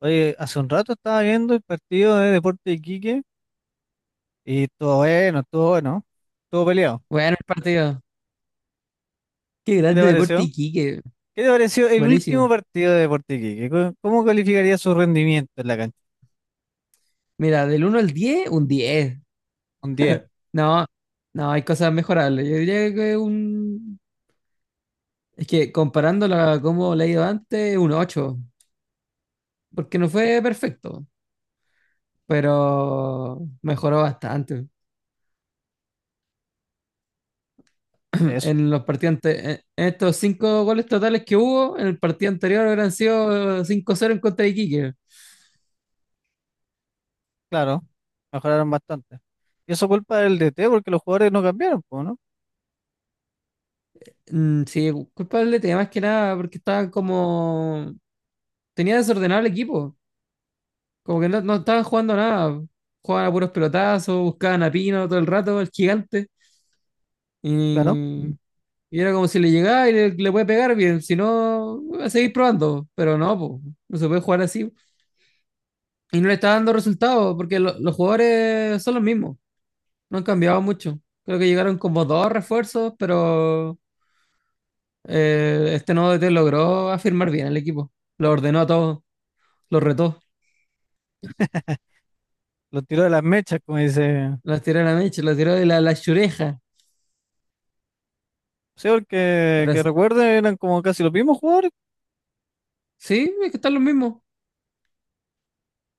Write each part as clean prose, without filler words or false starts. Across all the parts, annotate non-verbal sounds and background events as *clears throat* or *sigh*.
Oye, hace un rato estaba viendo el partido de Deporte Iquique y estuvo bueno, estuvo bueno, estuvo peleado. Bueno, el partido. Qué ¿Qué te grande Deporte pareció? Iquique. ¿Qué te pareció el último Buenísimo. partido de Deporte Iquique? ¿Cómo calificaría su rendimiento en la cancha? Mira, del 1 al 10, un 10 Un 10, No, no, hay cosas mejorables. Yo diría que un... Es que comparándola a cómo le he ido antes, un 8. Porque no fue perfecto, pero mejoró bastante. *clears throat* eso, En los partidos en estos 5 goles totales que hubo, en el partido anterior hubieran sido 5 cero en contra de Iquique. claro, mejoraron bastante. Y eso culpa del DT porque los jugadores no cambiaron, po, ¿no? Mm, sí, culpable tenía más que nada porque estaba como... Tenía desordenado el equipo. Como que no, no estaban jugando a nada. Jugaban a puros pelotazos, buscaban a Pino todo el rato, el gigante. Claro, Y, y era como si le llegaba y le puede pegar bien. Si no, va a seguir probando. Pero no, po, no se puede jugar así. Y no le está dando resultados porque los jugadores son los mismos. No han cambiado mucho. Creo que llegaron como dos refuerzos, pero este nuevo DT logró afirmar bien el equipo. Lo ordenó a todos, lo retó. los tiró de las mechas, como dice. Las tiró a la mecha, las tiró de la chureja. Sí, porque Pero que sí, recuerden eran como casi los mismos jugadores, sí, es que están los mismos.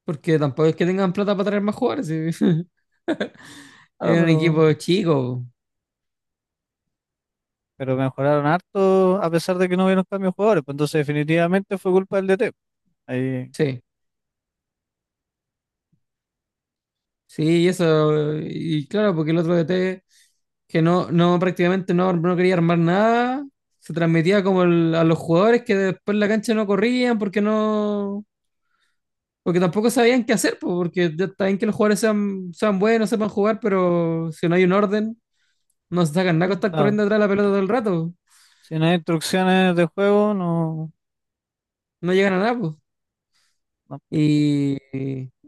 Porque tampoco es que tengan plata para traer más jugadores. Sí. *laughs* claro, Es un equipo chico. pero mejoraron harto a pesar de que no hubieron cambios de jugadores, pues entonces definitivamente fue culpa del DT. Ahí. Sí. Sí, y eso. Y claro, porque el otro DT, que no prácticamente no quería armar nada, se transmitía como a los jugadores que después en la cancha no corrían porque no. Porque tampoco sabían qué hacer, po, porque ya está bien que los jugadores sean buenos, sepan jugar, pero si no hay un orden, no se sacan nada con estar Claro. corriendo atrás de la pelota todo el rato. Si no hay instrucciones de juego, no, No llegan a nada, pues. no, Y,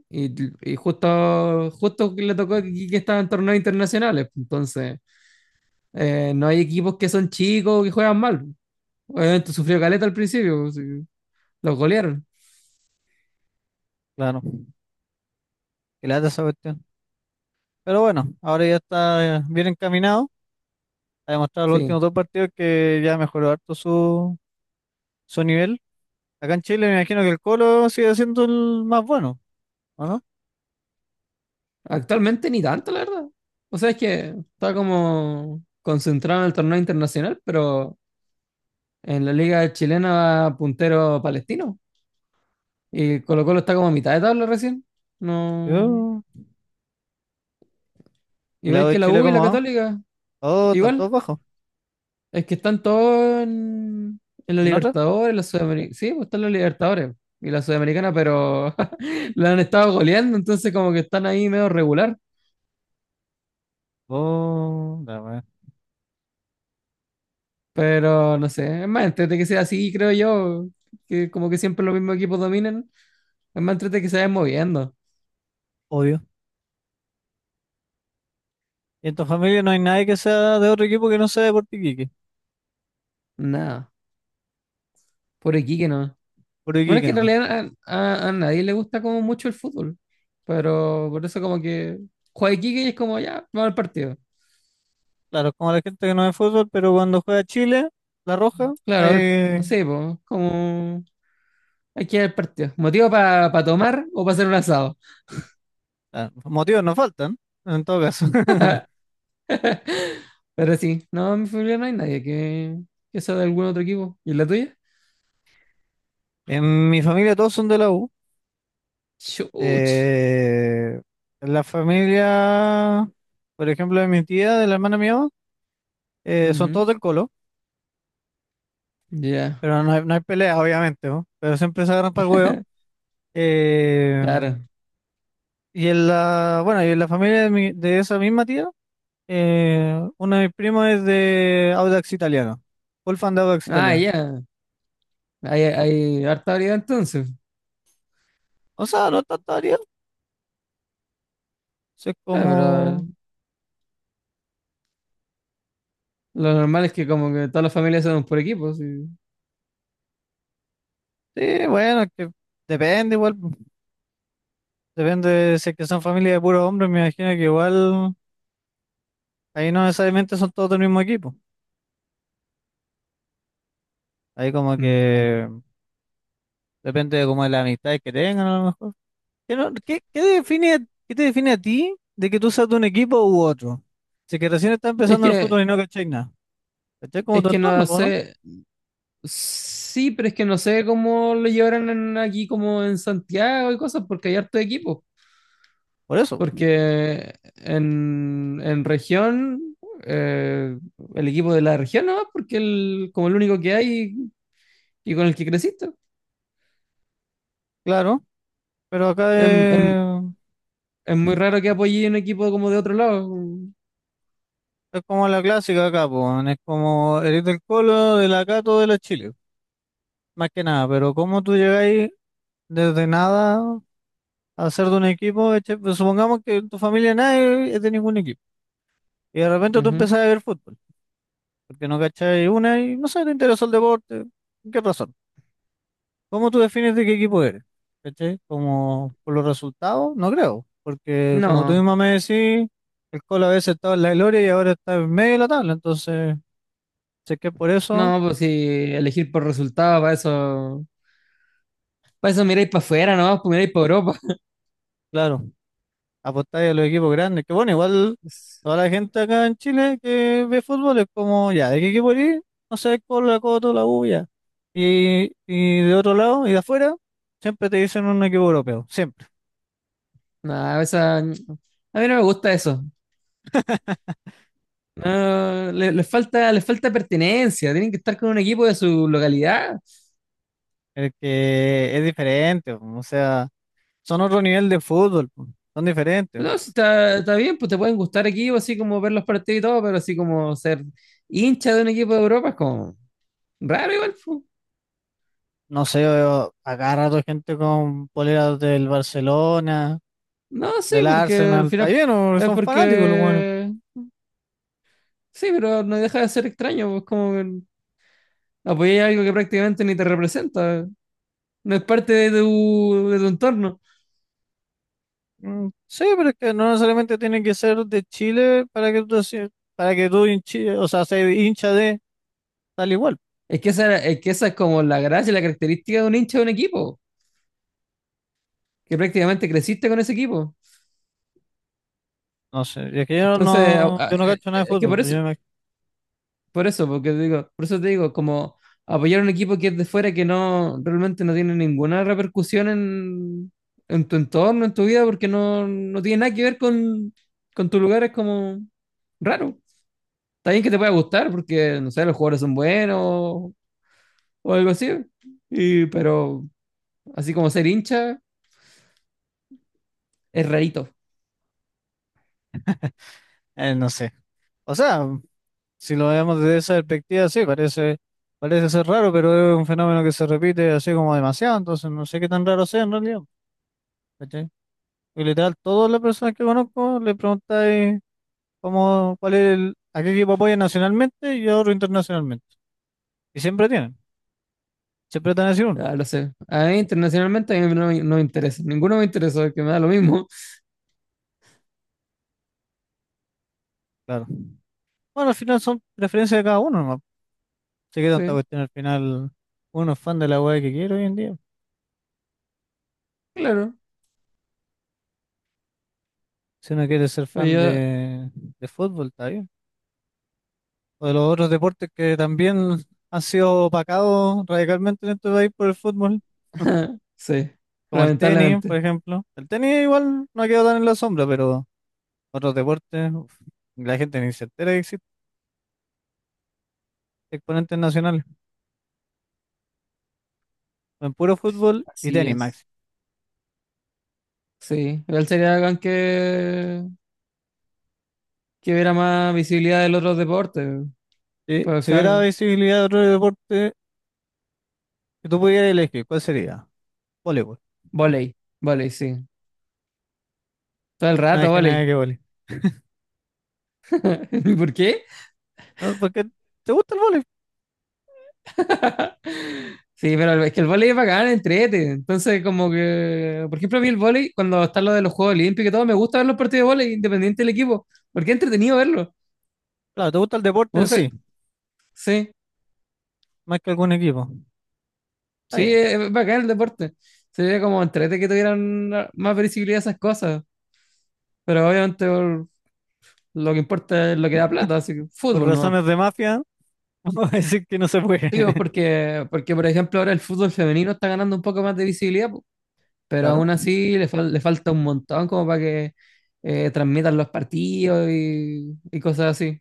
y- y justo, justo que le tocó que estaba en torneos internacionales, pues. Entonces, no hay equipos que son chicos que juegan mal, pues. Obviamente sufrió caleta al principio, pues, sí, los golearon. claro, qué lata esa cuestión. Pero bueno, ahora ya está bien encaminado. Ha demostrado los Sí, últimos dos partidos que ya mejoró harto su, su nivel. Acá en Chile me imagino que el Colo sigue siendo el más bueno, ¿o no? actualmente ni tanto, la verdad. O sea, es que está como concentrado en el torneo internacional, pero en la liga chilena va puntero palestino. Y Colo Colo está como a mitad de tabla recién. No, Yo- ¿Y la U igual de que la Chile U y cómo la va? Católica, Oh, están igual. todos bajos. Es que están todos en la ¿En otra? Libertadores, la Sudamericana. Sí, pues están los Libertadores y la Sudamericana, pero *laughs* la han estado goleando, entonces como que están ahí medio regular. Oh, la wea. Pero no sé, es más entrete que sea así, creo yo, que como que siempre los mismos equipos dominan. Es más entrete que se vayan moviendo. Obvio. Y en tu familia no hay nadie que sea de otro equipo que no sea de Puerto Iquique. Nada, por aquí que no. Puerto Bueno, es Iquique que en no. realidad a nadie le gusta como mucho el fútbol, pero por eso como que juega Iquique y es como ya, va al partido. Claro, como la gente que no ve fútbol, pero cuando juega Chile, la roja, Claro, a ver, hay. sí, pues, como aquí el partido. Motivo para pa tomar o para hacer un asado. Ah, motivos no faltan, en todo caso. *laughs* Pero sí, no, en mi familia no hay nadie que sea de algún otro equipo. ¿Y la tuya? En mi familia todos son de la U. Chuch. Eh, la familia, por ejemplo, de mi tía, de la hermana mía, son Ujú. todos del Colo, Ya, pero no hay, no hay peleas, obviamente, ¿no? Pero siempre se agarran para el huevo. Eh, claro. y en la, bueno, y en la familia de, mi- de esa misma tía, uno de mis primos es de Audax Italiano, full fan de Audax Ah, Italiano. ya. Hay harta variedad entonces. O sea, no es tanta variedad, es Ah, pero como, lo normal es que como que todas las familias son por equipos. Y- sí, bueno, es que depende igual. Depende de si es que son familias de puros hombres, me imagino que igual ahí no necesariamente son todos del mismo equipo. Ahí como que Mm, depende de como de las amistades que tengan a lo mejor. ¿Qué, no- qué- qué define, a- qué te define a ti de que tú seas de un equipo u otro? Si es que recién está Es empezando el fútbol que, y no cachai nada. Cachai como es tu que no entorno, po, ¿no? sé. Sí, pero es que no sé cómo lo llevarán aquí como en Santiago y cosas, porque hay harto equipos. Por eso, Porque en región, eh, el equipo de la región no, porque el, como el único que hay y con el que creciste. claro. Pero acá Em- em- Es muy raro que apoye un equipo como de otro lado. es como la clásica acá, po, weón. Es como eres del Colo, de la Cato, de la Chile. Más que nada, pero como tú llegáis desde nada, hacer de un equipo, ¿cachai? Pues supongamos que en tu familia nadie es de ningún equipo. Y de repente tú Ujú. empezás a ver fútbol, porque no cachai una y no sé, te interesó el deporte. ¿Por qué razón? ¿Cómo tú defines de qué equipo eres? ¿Cachai? Como por los resultados, no creo. Porque como tú No, misma me decís, el Colo a veces estaba en la gloria y ahora está en medio de la tabla. Entonces, sé que por eso, no, pues si elegir por resultados, para eso miráis para afuera, no, pues miráis para Europa. claro, apostáis a los equipos grandes. Que bueno, igual *laughs* Es- toda la gente acá en Chile que ve fútbol es como, ya, ¿de qué equipo eres? No sé, Colo, la Coto, la U, ya. Y de otro lado y de afuera, siempre te dicen un equipo europeo, siempre. Nada, esa- a mí no me gusta eso. *laughs* No, les falta pertenencia, tienen que estar con un equipo de su localidad. El que es diferente, po, o sea, son otro nivel de fútbol, po, son diferentes. No, si está, está bien, pues te pueden gustar equipos, así como ver los partidos y todo, pero así como ser hincha de un equipo de Europa es como raro igual, pues. No sé, yo acá gente con poleras del Barcelona, No, sí, del porque Arsenal, al está final bien, o es son fanáticos los buenos. porque sí, pero no deja de ser extraño, pues como que apoyar algo que prácticamente ni te representa, no es parte de tu entorno. Mm, sí, pero es que no necesariamente tiene que ser de Chile para que tú, se- para que tú hinchi- o sea, seas hincha de tal igual. Es que esa es como la gracia y la característica de un hincha de un equipo, que prácticamente creciste con ese equipo. No sé, es que yo Entonces, no, yo no cacho nada de es que fútbol, por pues eso, yo me- por eso, porque te digo, por eso te digo, como apoyar a un equipo que es de fuera que no realmente no tiene ninguna repercusión en tu entorno, en tu vida, porque no, no tiene nada que ver con tu lugar, es como raro. Está bien que te pueda gustar, porque no sé, los jugadores son buenos o algo así. Y, pero así como ser hincha, es rarito. No sé. O sea. Si lo vemos desde esa perspectiva, sí, parece, parece ser raro, pero es un fenómeno que se repite así como demasiado, entonces no sé qué tan raro sea en realidad, ¿cachai? Y literal, todas las personas que conozco le preguntáis cómo, cuál es el, a qué equipo apoya nacionalmente y a otro internacionalmente. Y siempre tienen, siempre te van a decir uno, Ah, lo sé. A mí internacionalmente a mí no, no me interesa. Ninguno me interesa, que me da lo mismo. *laughs* claro. Bueno, al final son preferencias de cada uno, nomás. Sé que tanta Sí, cuestión al final, uno es fan de la weá que quiere hoy en día. claro. Si uno quiere ser fan Oye, de fútbol, está bien, o de los otros deportes que también han sido opacados radicalmente en este país por el fútbol, *laughs* sí, como el tenis, por lamentablemente. ejemplo. El tenis igual no ha quedado tan en la sombra, pero otros deportes, uf, la gente ni se entera que existen exponentes nacionales. En puro fútbol y Así tenis, es. Max. Sí, igual sería bacán que hubiera más visibilidad del otro deporte. Si, Pero al si hubiera final, visibilidad de otro deporte que tú pudieras elegir, ¿cuál sería? Voleibol. vóley, vóley, sí. Todo el No hay rato nada vóley. que vole. *laughs* ¿Y por qué? No, porque te gusta el voleibol. Sí, pero es que el vóley es bacán, entrete. Entonces, como que, por ejemplo, a mí el vóley, cuando está lo de los Juegos Olímpicos y todo, me gusta ver los partidos de vóley, independiente del equipo, porque es entretenido verlo. Claro, te gusta el deporte Me en gusta, sí, sí, más que algún equipo. Está sí, bien. es bacán el deporte. Sería como entrete que tuvieran más visibilidad esas cosas. Pero obviamente lo que importa es lo que da plata, así que Por fútbol, ¿no? razones de mafia, *laughs* vamos a decir que no se puede. Digo, *laughs* porque, porque, por ejemplo, ahora el fútbol femenino está ganando un poco más de visibilidad, po, pero Claro. aún así le falta un montón como para que transmitan los partidos y cosas así.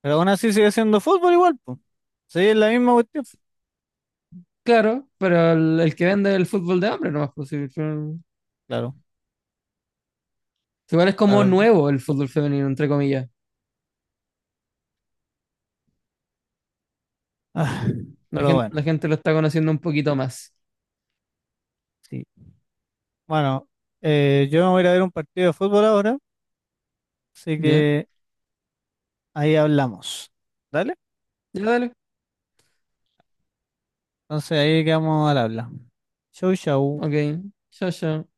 Pero aún así sigue siendo fútbol igual, pues. Sí, es la misma cuestión. Claro, pero el que vende el fútbol de hombre no más posible. Claro, Igual es como claro, claro. nuevo *laughs* el fútbol femenino, entre comillas. Ah, La pero gente, bueno, la gente lo está conociendo un poquito más. sí. Bueno, yo me voy a ir a ver un partido de fútbol ahora, así ¿Ya? que ahí hablamos. ¿Dale? Ya dale. Entonces ahí quedamos al habla. Chau, chau. Ok. Chao, chao.